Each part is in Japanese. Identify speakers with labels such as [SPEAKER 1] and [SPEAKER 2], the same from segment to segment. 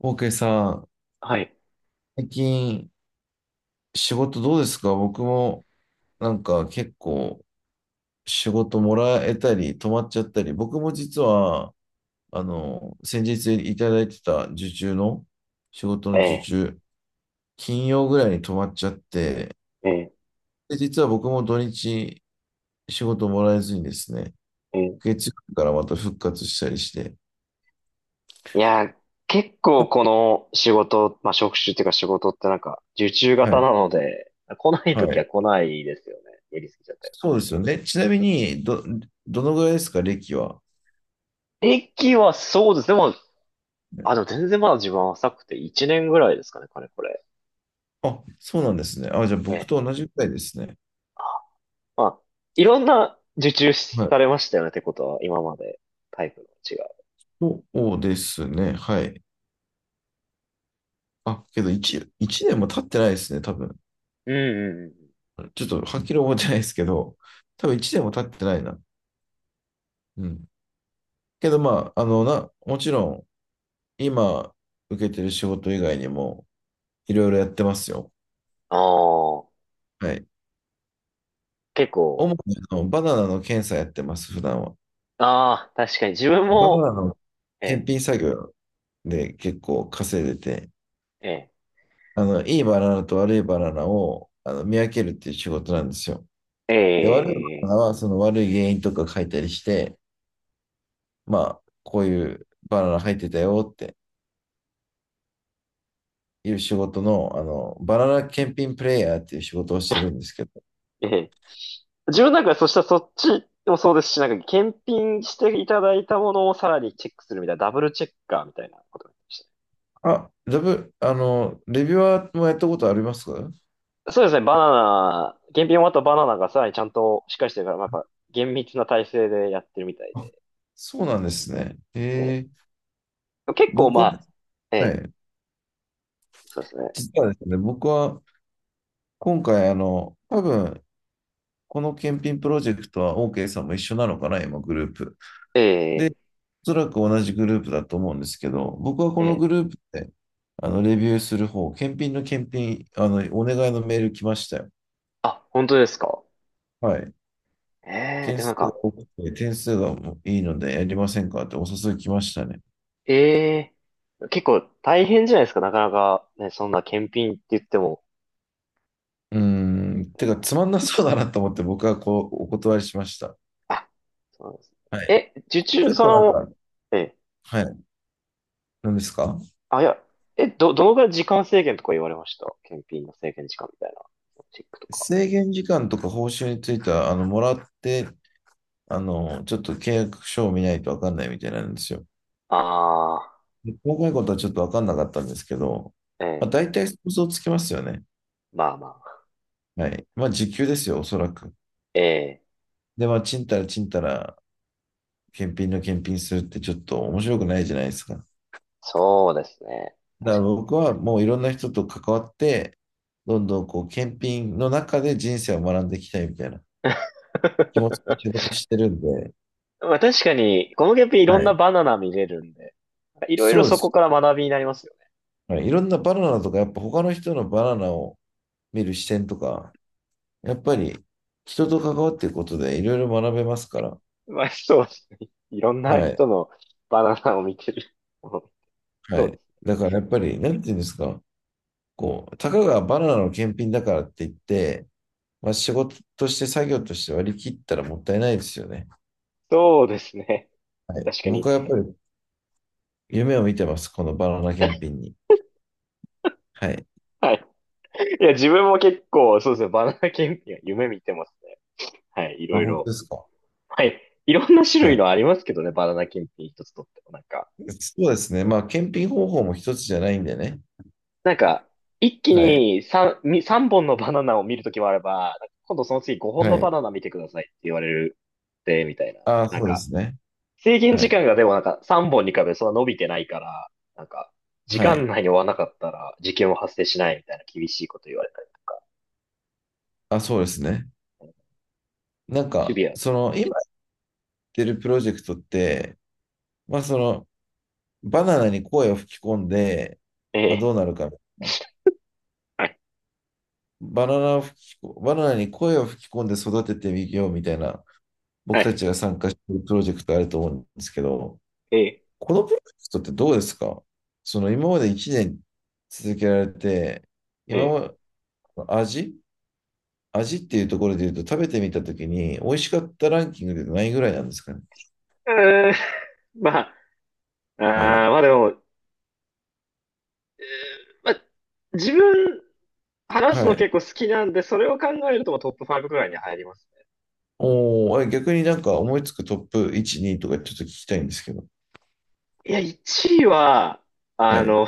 [SPEAKER 1] オーケーさん、
[SPEAKER 2] はい。
[SPEAKER 1] 最近仕事どうですか？僕もなんか結構仕事もらえたり止まっちゃったり、僕も実はあの先日いただいてた受注の仕事の
[SPEAKER 2] え
[SPEAKER 1] 受
[SPEAKER 2] え、
[SPEAKER 1] 注、金曜ぐらいに止まっちゃって、
[SPEAKER 2] ええ、
[SPEAKER 1] で、実は僕も土日仕事もらえずにですね、
[SPEAKER 2] ええ。
[SPEAKER 1] 月曜日からまた復活したりして、
[SPEAKER 2] いやー、結構この仕事、まあ、職種っていうか仕事ってなんか、受注
[SPEAKER 1] は
[SPEAKER 2] 型
[SPEAKER 1] い、
[SPEAKER 2] なので、来ない
[SPEAKER 1] は
[SPEAKER 2] とき
[SPEAKER 1] い。
[SPEAKER 2] は来ないですよね。やりすぎちゃったり。
[SPEAKER 1] そうですよね。ちなみに、どのぐらいですか、歴は？
[SPEAKER 2] 駅はそうです。でも、でも全然まだ自分は浅くて1年ぐらいですかね、かれこれ。
[SPEAKER 1] あ、そうなんですね。あ、じゃあ
[SPEAKER 2] え
[SPEAKER 1] 僕
[SPEAKER 2] え。
[SPEAKER 1] と同じくらいですね。
[SPEAKER 2] まあ、いろんな受注
[SPEAKER 1] は
[SPEAKER 2] さ
[SPEAKER 1] い。
[SPEAKER 2] れましたよねってことは、今までタイプの違う。
[SPEAKER 1] そうですね。はい。あ、けど1、一年も経ってないですね、多分。
[SPEAKER 2] うんうんうん。
[SPEAKER 1] ちょっとはっきり覚えてないですけど、多分1年も経ってないな。うん。けどまあ、あの、もちろん、今受けてる仕事以外にも、いろいろやってますよ。
[SPEAKER 2] ああ、
[SPEAKER 1] はい。
[SPEAKER 2] 結構、
[SPEAKER 1] 主にあのバナナの検査やってます、普段は。
[SPEAKER 2] ああ、確かに自分
[SPEAKER 1] バナ
[SPEAKER 2] も、
[SPEAKER 1] ナの
[SPEAKER 2] え
[SPEAKER 1] 検
[SPEAKER 2] え、
[SPEAKER 1] 品作業で結構稼いでて、
[SPEAKER 2] ええ、
[SPEAKER 1] あの、いいバナナと悪いバナナをあの見分けるっていう仕事なんですよ。
[SPEAKER 2] え
[SPEAKER 1] で、悪いバナ
[SPEAKER 2] え、
[SPEAKER 1] ナはその悪い原因とか書いたりして、まあ、こういうバナナ入ってたよっていう仕事の、あの、バナナ検品プレイヤーっていう仕事をしてるんですけど。
[SPEAKER 2] ええ自分なんかそしたらそっちもそうですし、なんか検品していただいたものをさらにチェックするみたいな、ダブルチェッカーみたいなことでました
[SPEAKER 1] あ、あの、レビュアーもやったことありますか？
[SPEAKER 2] ね。そうですね、バナナ、検品終わったバナナがさらにちゃんとしっかりしてるから、まあやっぱ厳密な体制でやってるみたい
[SPEAKER 1] あ、
[SPEAKER 2] で。
[SPEAKER 1] そうなんですね。
[SPEAKER 2] ええ結構
[SPEAKER 1] 僕
[SPEAKER 2] ま
[SPEAKER 1] は、
[SPEAKER 2] あ、え
[SPEAKER 1] は
[SPEAKER 2] え、
[SPEAKER 1] い、
[SPEAKER 2] そうですね。
[SPEAKER 1] 実はですね、僕は今回、あの、多分、この検品プロジェクトは OK さんも一緒なのかな、今、グループ。
[SPEAKER 2] え
[SPEAKER 1] で、
[SPEAKER 2] え、
[SPEAKER 1] おそらく同じグループだと思うんですけど、僕は
[SPEAKER 2] え
[SPEAKER 1] この
[SPEAKER 2] え。
[SPEAKER 1] グループで、あの、レビューする方、検品の検品、あの、お願いのメール来ましたよ。
[SPEAKER 2] あ、本当ですか。
[SPEAKER 1] はい。
[SPEAKER 2] ええ、
[SPEAKER 1] 件
[SPEAKER 2] でもな
[SPEAKER 1] 数
[SPEAKER 2] ん
[SPEAKER 1] が
[SPEAKER 2] か、
[SPEAKER 1] 多くて、点数がもういいのでやりませんかってお誘い来ましたね。
[SPEAKER 2] ええ、結構大変じゃないですか、なかなかね、そんな検品って言っても。
[SPEAKER 1] うーん、てか、つまんなそうだなと思って僕はこう、お断りしました。
[SPEAKER 2] あそうなんですね。
[SPEAKER 1] はい。
[SPEAKER 2] え、受注、
[SPEAKER 1] 結
[SPEAKER 2] そ
[SPEAKER 1] 構なん
[SPEAKER 2] の、
[SPEAKER 1] か、
[SPEAKER 2] え、
[SPEAKER 1] はい。何ですか？
[SPEAKER 2] あ、いや、え、どのぐらい時間制限とか言われました検品の制限時間みたいな。チェックとか。
[SPEAKER 1] 制限時間とか報酬については、あの、もらって、あの、ちょっと契約書を見ないとわかんないみたいなんですよ。
[SPEAKER 2] あ
[SPEAKER 1] 細かいことはちょっと分かんなかったんですけど、
[SPEAKER 2] あ、え
[SPEAKER 1] まあ、
[SPEAKER 2] え、
[SPEAKER 1] 大体想像つきますよね。
[SPEAKER 2] まあまあ。
[SPEAKER 1] はい。まあ、時給ですよ、おそらく。
[SPEAKER 2] ええ、
[SPEAKER 1] で、まあ、ちんたらちんたら、検品の検品するってちょっと面白くないじゃないですか。
[SPEAKER 2] そうですね。
[SPEAKER 1] だか
[SPEAKER 2] 確
[SPEAKER 1] ら
[SPEAKER 2] か
[SPEAKER 1] 僕はもういろんな人と関わって、どんどんこう、検品の中で人生を学んでいきたいみたいな
[SPEAKER 2] に。
[SPEAKER 1] 気持ちで仕事してるんで、
[SPEAKER 2] まあ確かに、この検品いろ
[SPEAKER 1] は
[SPEAKER 2] んな
[SPEAKER 1] い。
[SPEAKER 2] バナナ見れるんで、いろいろ
[SPEAKER 1] そうで
[SPEAKER 2] そこ
[SPEAKER 1] す
[SPEAKER 2] か
[SPEAKER 1] よ。
[SPEAKER 2] ら学びになりますよね。
[SPEAKER 1] はい。いろんなバナナとか、やっぱ他の人のバナナを見る視点とか、やっぱり人と関わっていくことでいろいろ学べますから、
[SPEAKER 2] まあそうですね。いろんな
[SPEAKER 1] はい。
[SPEAKER 2] 人のバナナを見てる。
[SPEAKER 1] は
[SPEAKER 2] そう
[SPEAKER 1] い。
[SPEAKER 2] です。
[SPEAKER 1] だからやっぱり、なんていうんですか、こう、たかがバナナの検品だからって言って、まあ、仕事として作業として割り切ったらもったいないですよね。
[SPEAKER 2] そうですね。
[SPEAKER 1] はい。
[SPEAKER 2] 確か
[SPEAKER 1] 僕
[SPEAKER 2] に。
[SPEAKER 1] はやっぱり夢を見てます、このバナナ検品に。はい。
[SPEAKER 2] はい。いや、自分も結構、そうですね、バナナ検品は夢見てますね。はい、い
[SPEAKER 1] あ、
[SPEAKER 2] ろい
[SPEAKER 1] 本当
[SPEAKER 2] ろ。
[SPEAKER 1] ですか。
[SPEAKER 2] はい、いろんな種
[SPEAKER 1] は
[SPEAKER 2] 類
[SPEAKER 1] い。
[SPEAKER 2] のありますけどね、バナナ検品一つとっても。なんか、
[SPEAKER 1] そうですね。まあ、検品方法も一つじゃないんでね。
[SPEAKER 2] なんか、一気
[SPEAKER 1] はい。
[SPEAKER 2] に三本のバナナを見るときもあれば、なんか今度その次5本の
[SPEAKER 1] は
[SPEAKER 2] バ
[SPEAKER 1] い。
[SPEAKER 2] ナナ見てくださいって言われるで、みたいな。
[SPEAKER 1] あ、
[SPEAKER 2] なん
[SPEAKER 1] そうで
[SPEAKER 2] か、
[SPEAKER 1] すね。
[SPEAKER 2] 制限
[SPEAKER 1] は
[SPEAKER 2] 時
[SPEAKER 1] い。
[SPEAKER 2] 間がでもなんか3本に比べてそんな伸びてないから、なんか、時
[SPEAKER 1] は
[SPEAKER 2] 間
[SPEAKER 1] い。
[SPEAKER 2] 内に終わらなかったら事件は発生しないみたいな厳しいこと言われたり。
[SPEAKER 1] あ、そうですね。なん
[SPEAKER 2] シ
[SPEAKER 1] か、
[SPEAKER 2] ビア。
[SPEAKER 1] その、
[SPEAKER 2] え
[SPEAKER 1] 今
[SPEAKER 2] え、
[SPEAKER 1] やってるプロジェクトって、まあ、その、バナナに声を吹き込んで、
[SPEAKER 2] え
[SPEAKER 1] まあ、
[SPEAKER 2] え、
[SPEAKER 1] どうなるかみたいな。
[SPEAKER 2] はい、
[SPEAKER 1] バナナに声を吹き込んで育ててみようみたいな、
[SPEAKER 2] は
[SPEAKER 1] 僕た
[SPEAKER 2] い、
[SPEAKER 1] ちが参加しているプロジェクトあると思うんですけど、
[SPEAKER 2] ええ、
[SPEAKER 1] このプロジェクトってどうですか？その今まで1年続けられて、
[SPEAKER 2] え
[SPEAKER 1] 今ま
[SPEAKER 2] え。
[SPEAKER 1] で味味っていうところで言うと食べてみたときに、美味しかったランキングでないぐらいなんですかね。
[SPEAKER 2] うーん、まあ、
[SPEAKER 1] はい。
[SPEAKER 2] まあでも、まあ、自分、話す
[SPEAKER 1] は
[SPEAKER 2] の
[SPEAKER 1] い。
[SPEAKER 2] 結構好きなんで、それを考えるともうトップ5くらいに入りますね。
[SPEAKER 1] おー、あれ逆になんか思いつくトップ1、2とかちょっと聞きたいんですけど。
[SPEAKER 2] いや、1位は、
[SPEAKER 1] は
[SPEAKER 2] あ
[SPEAKER 1] い。
[SPEAKER 2] の、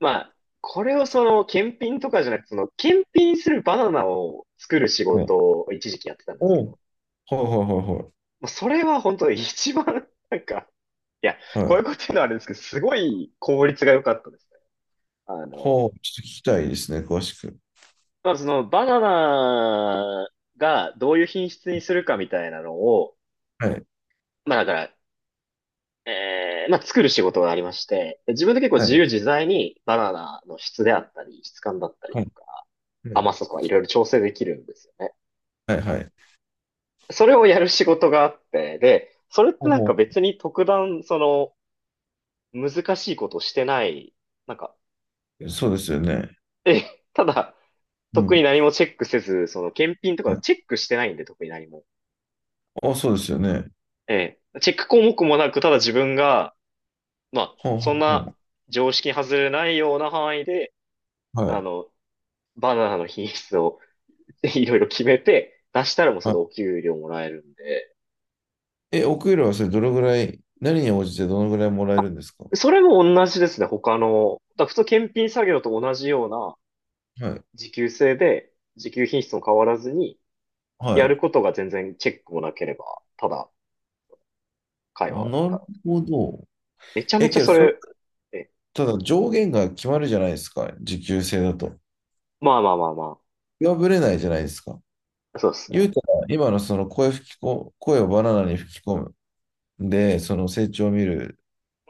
[SPEAKER 2] まあ、これをその、検品とかじゃなくて、その、検品するバナナを作る仕
[SPEAKER 1] はい。
[SPEAKER 2] 事を一時期やってたんです
[SPEAKER 1] お、
[SPEAKER 2] けど、
[SPEAKER 1] はい
[SPEAKER 2] も
[SPEAKER 1] はいは
[SPEAKER 2] うそれは本当に一番、なんか、いや、
[SPEAKER 1] いはい。
[SPEAKER 2] こ
[SPEAKER 1] は
[SPEAKER 2] ういう
[SPEAKER 1] い。
[SPEAKER 2] こと言うのはあれですけど、すごい効率が良かったですね。あ
[SPEAKER 1] は
[SPEAKER 2] の、
[SPEAKER 1] あ、ちょっと聞きたいですね、詳しく。
[SPEAKER 2] まあ、その、バナナがどういう品質にするかみたいなのを、
[SPEAKER 1] はい。
[SPEAKER 2] まあだから、まあ作る仕事がありまして、で自分で結構
[SPEAKER 1] は
[SPEAKER 2] 自由
[SPEAKER 1] い。
[SPEAKER 2] 自在にバナナの質であったり、質感だったり
[SPEAKER 1] は
[SPEAKER 2] と
[SPEAKER 1] い。
[SPEAKER 2] か、
[SPEAKER 1] はい。
[SPEAKER 2] 甘さとかいろいろ調整できるんですよね。
[SPEAKER 1] は
[SPEAKER 2] なん
[SPEAKER 1] い。は
[SPEAKER 2] か、
[SPEAKER 1] い、
[SPEAKER 2] それをやる仕事があって、で、それって
[SPEAKER 1] ほう
[SPEAKER 2] なんか
[SPEAKER 1] ほ
[SPEAKER 2] 別に特段、その、難しいことをしてない、なんか、
[SPEAKER 1] う。そうですよね。
[SPEAKER 2] え、ただ、
[SPEAKER 1] う
[SPEAKER 2] 特に
[SPEAKER 1] ん。
[SPEAKER 2] 何もチェックせず、その検品と
[SPEAKER 1] は
[SPEAKER 2] か
[SPEAKER 1] い、
[SPEAKER 2] チェックしてないんで、特に何も。
[SPEAKER 1] あ、そうですよね。
[SPEAKER 2] ええ。チェック項目もなく、ただ自分が、まあ、
[SPEAKER 1] ほうほ
[SPEAKER 2] そ
[SPEAKER 1] う
[SPEAKER 2] ん
[SPEAKER 1] ほ
[SPEAKER 2] な
[SPEAKER 1] う。
[SPEAKER 2] 常識に外れないような範囲で、
[SPEAKER 1] は
[SPEAKER 2] あ
[SPEAKER 1] い。
[SPEAKER 2] の、バナナの品質を いろいろ決めて、出したらもうそ
[SPEAKER 1] は
[SPEAKER 2] れで
[SPEAKER 1] い。
[SPEAKER 2] お給料もらえるんで。
[SPEAKER 1] え、お給料はそれどのぐらい、何に応じてどのぐらいもらえ
[SPEAKER 2] あ
[SPEAKER 1] るんですか？
[SPEAKER 2] それも同じですね、他の。だから普通検品作業と同じような
[SPEAKER 1] はい。
[SPEAKER 2] 時給制で、時給品質も変わらずに、
[SPEAKER 1] は
[SPEAKER 2] やる
[SPEAKER 1] い。
[SPEAKER 2] ことが全然チェックもなければ、ただ会
[SPEAKER 1] あ、
[SPEAKER 2] 話
[SPEAKER 1] な
[SPEAKER 2] が。
[SPEAKER 1] るほど。
[SPEAKER 2] めちゃ
[SPEAKER 1] え、
[SPEAKER 2] めちゃ
[SPEAKER 1] けど、
[SPEAKER 2] そ
[SPEAKER 1] それ、
[SPEAKER 2] れ、え、
[SPEAKER 1] ただ上限が決まるじゃないですか、時給制だと。
[SPEAKER 2] まあまあまあま
[SPEAKER 1] 破れないじゃないですか。
[SPEAKER 2] あ。そうですね。
[SPEAKER 1] 言うたら、今のその声吹きこ、声をバナナに吹き込む。で、その成長を見る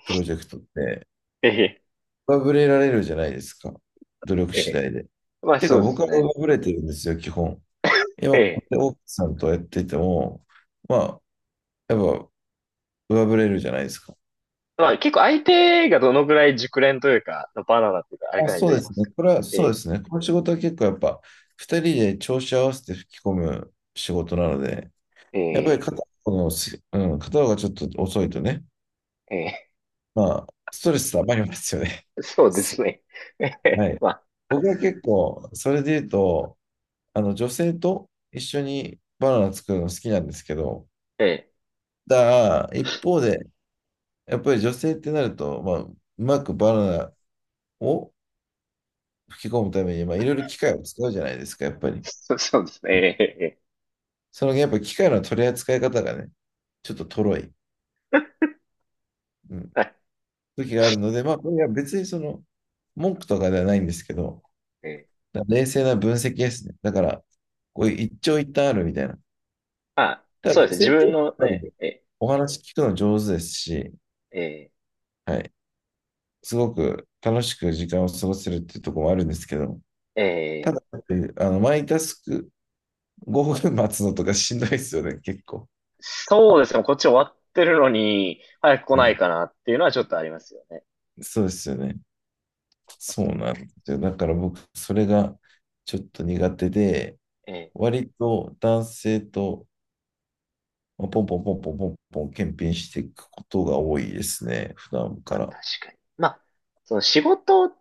[SPEAKER 1] プロジェクトって
[SPEAKER 2] ええ、
[SPEAKER 1] 上振れられるじゃないですか。努力
[SPEAKER 2] え
[SPEAKER 1] 次
[SPEAKER 2] え。
[SPEAKER 1] 第で。
[SPEAKER 2] まあ
[SPEAKER 1] てか
[SPEAKER 2] そうで
[SPEAKER 1] 僕
[SPEAKER 2] す
[SPEAKER 1] は上
[SPEAKER 2] ね。
[SPEAKER 1] 振れてるんですよ、基本。
[SPEAKER 2] え
[SPEAKER 1] 今、こ
[SPEAKER 2] え。
[SPEAKER 1] うやって奥さんとやってても、まあ、やっぱ上振れるじゃないですか。
[SPEAKER 2] まあ結構相手がどのぐらい熟練というか、バナナっていうか、あれ
[SPEAKER 1] あ、
[SPEAKER 2] かに
[SPEAKER 1] そ
[SPEAKER 2] よ
[SPEAKER 1] う
[SPEAKER 2] り
[SPEAKER 1] で
[SPEAKER 2] ま
[SPEAKER 1] す
[SPEAKER 2] す
[SPEAKER 1] ね。
[SPEAKER 2] か
[SPEAKER 1] これは
[SPEAKER 2] ら
[SPEAKER 1] そうで
[SPEAKER 2] ね。
[SPEAKER 1] すね。この仕事は結構やっぱ二人で調子合わせて吹き込む仕事なので、
[SPEAKER 2] ええ、
[SPEAKER 1] やっぱ
[SPEAKER 2] え
[SPEAKER 1] り
[SPEAKER 2] え、
[SPEAKER 1] 片方のす、うん、片方がちょっと遅いとね、
[SPEAKER 2] ええ。
[SPEAKER 1] まあ、ストレス溜まりますよね。
[SPEAKER 2] そうですね。えへ
[SPEAKER 1] は
[SPEAKER 2] へ
[SPEAKER 1] い。
[SPEAKER 2] まあ、
[SPEAKER 1] 僕は結構、それで言うと、あの、女性と一緒にバナナ作るの好きなんですけど、
[SPEAKER 2] ええ
[SPEAKER 1] だから一方で、やっぱり女性ってなると、まあ、うまくバナナを吹き込むために、まあ、いろいろ機械を使うじゃないですか、やっぱり。
[SPEAKER 2] そ、そうですね。ええええ
[SPEAKER 1] その、やっぱり機械の取り扱い方がね、ちょっととろい、うん、
[SPEAKER 2] はい。
[SPEAKER 1] 時があるので、まあ、これは別にその、文句とかではないんですけど、
[SPEAKER 2] ええ
[SPEAKER 1] だから冷静な分析ですね。だから、こういう一長一短あるみたいな。
[SPEAKER 2] まあ、
[SPEAKER 1] ただ、
[SPEAKER 2] そうです
[SPEAKER 1] 女
[SPEAKER 2] ね。自
[SPEAKER 1] 性って
[SPEAKER 2] 分
[SPEAKER 1] やっ
[SPEAKER 2] の
[SPEAKER 1] ぱり
[SPEAKER 2] ね、
[SPEAKER 1] ね
[SPEAKER 2] ええ、
[SPEAKER 1] お話聞くの上手ですし、
[SPEAKER 2] ええ、
[SPEAKER 1] はい。すごく楽しく時間を過ごせるっていうところもあるんですけど、た
[SPEAKER 2] ええ
[SPEAKER 1] だ、あの、マイタスク5分待つのとかしんどいですよね、結構。
[SPEAKER 2] そうですね。こっち終わってるのに、早く来
[SPEAKER 1] は
[SPEAKER 2] ない
[SPEAKER 1] い、
[SPEAKER 2] かなっていうのはちょっとありますよね。
[SPEAKER 1] そうですよね。
[SPEAKER 2] ま
[SPEAKER 1] そ
[SPEAKER 2] あ、それ
[SPEAKER 1] うなんですよ。だから僕、それがちょっと苦手で、
[SPEAKER 2] ええ、
[SPEAKER 1] 割と男性とまあポンポンポンポンポンポン検品していくことが多いですね、普段
[SPEAKER 2] ま
[SPEAKER 1] か
[SPEAKER 2] あ、確
[SPEAKER 1] ら。
[SPEAKER 2] かに。まあ、その仕事、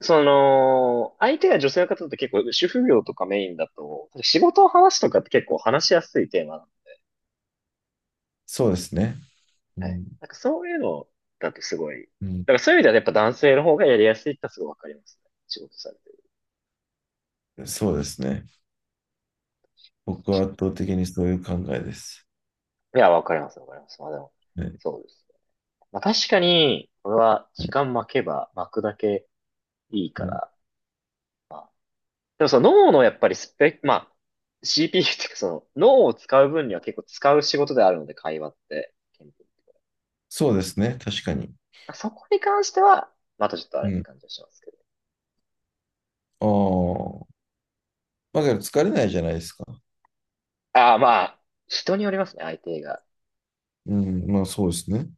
[SPEAKER 2] その、相手が女性の方って結構、主婦業とかメインだと、仕事を話すとかって結構話しやすいテーマ
[SPEAKER 1] そうですね。う
[SPEAKER 2] はい。
[SPEAKER 1] ん、
[SPEAKER 2] なんかそういうのだとすごい、だ
[SPEAKER 1] うん、
[SPEAKER 2] からそういう意味ではやっぱ男性の方がやりやすいってのはすごいわかりますね。仕事されてる。
[SPEAKER 1] そうですね。僕は圧倒的にそういう考えです。
[SPEAKER 2] いや、わかります、わかります。まあでも、
[SPEAKER 1] はい、
[SPEAKER 2] そうですね。まあ確かに、これは
[SPEAKER 1] は
[SPEAKER 2] 時
[SPEAKER 1] い、
[SPEAKER 2] 間巻けば巻くだけいいか
[SPEAKER 1] うん、
[SPEAKER 2] ら、まあ、でもその脳のやっぱりスペック、まあ、CPU っていうかその脳を使う分には結構使う仕事であるので、会話って。
[SPEAKER 1] そうですね、確かに。
[SPEAKER 2] まあそこに関しては、またちょっとあれ
[SPEAKER 1] う
[SPEAKER 2] って
[SPEAKER 1] ん。
[SPEAKER 2] 感じはしますけど。
[SPEAKER 1] ああ。まあ、だから疲れないじゃないですか。
[SPEAKER 2] ああ、まあ、人によりますね、相手が
[SPEAKER 1] うん。まあ、そうですね。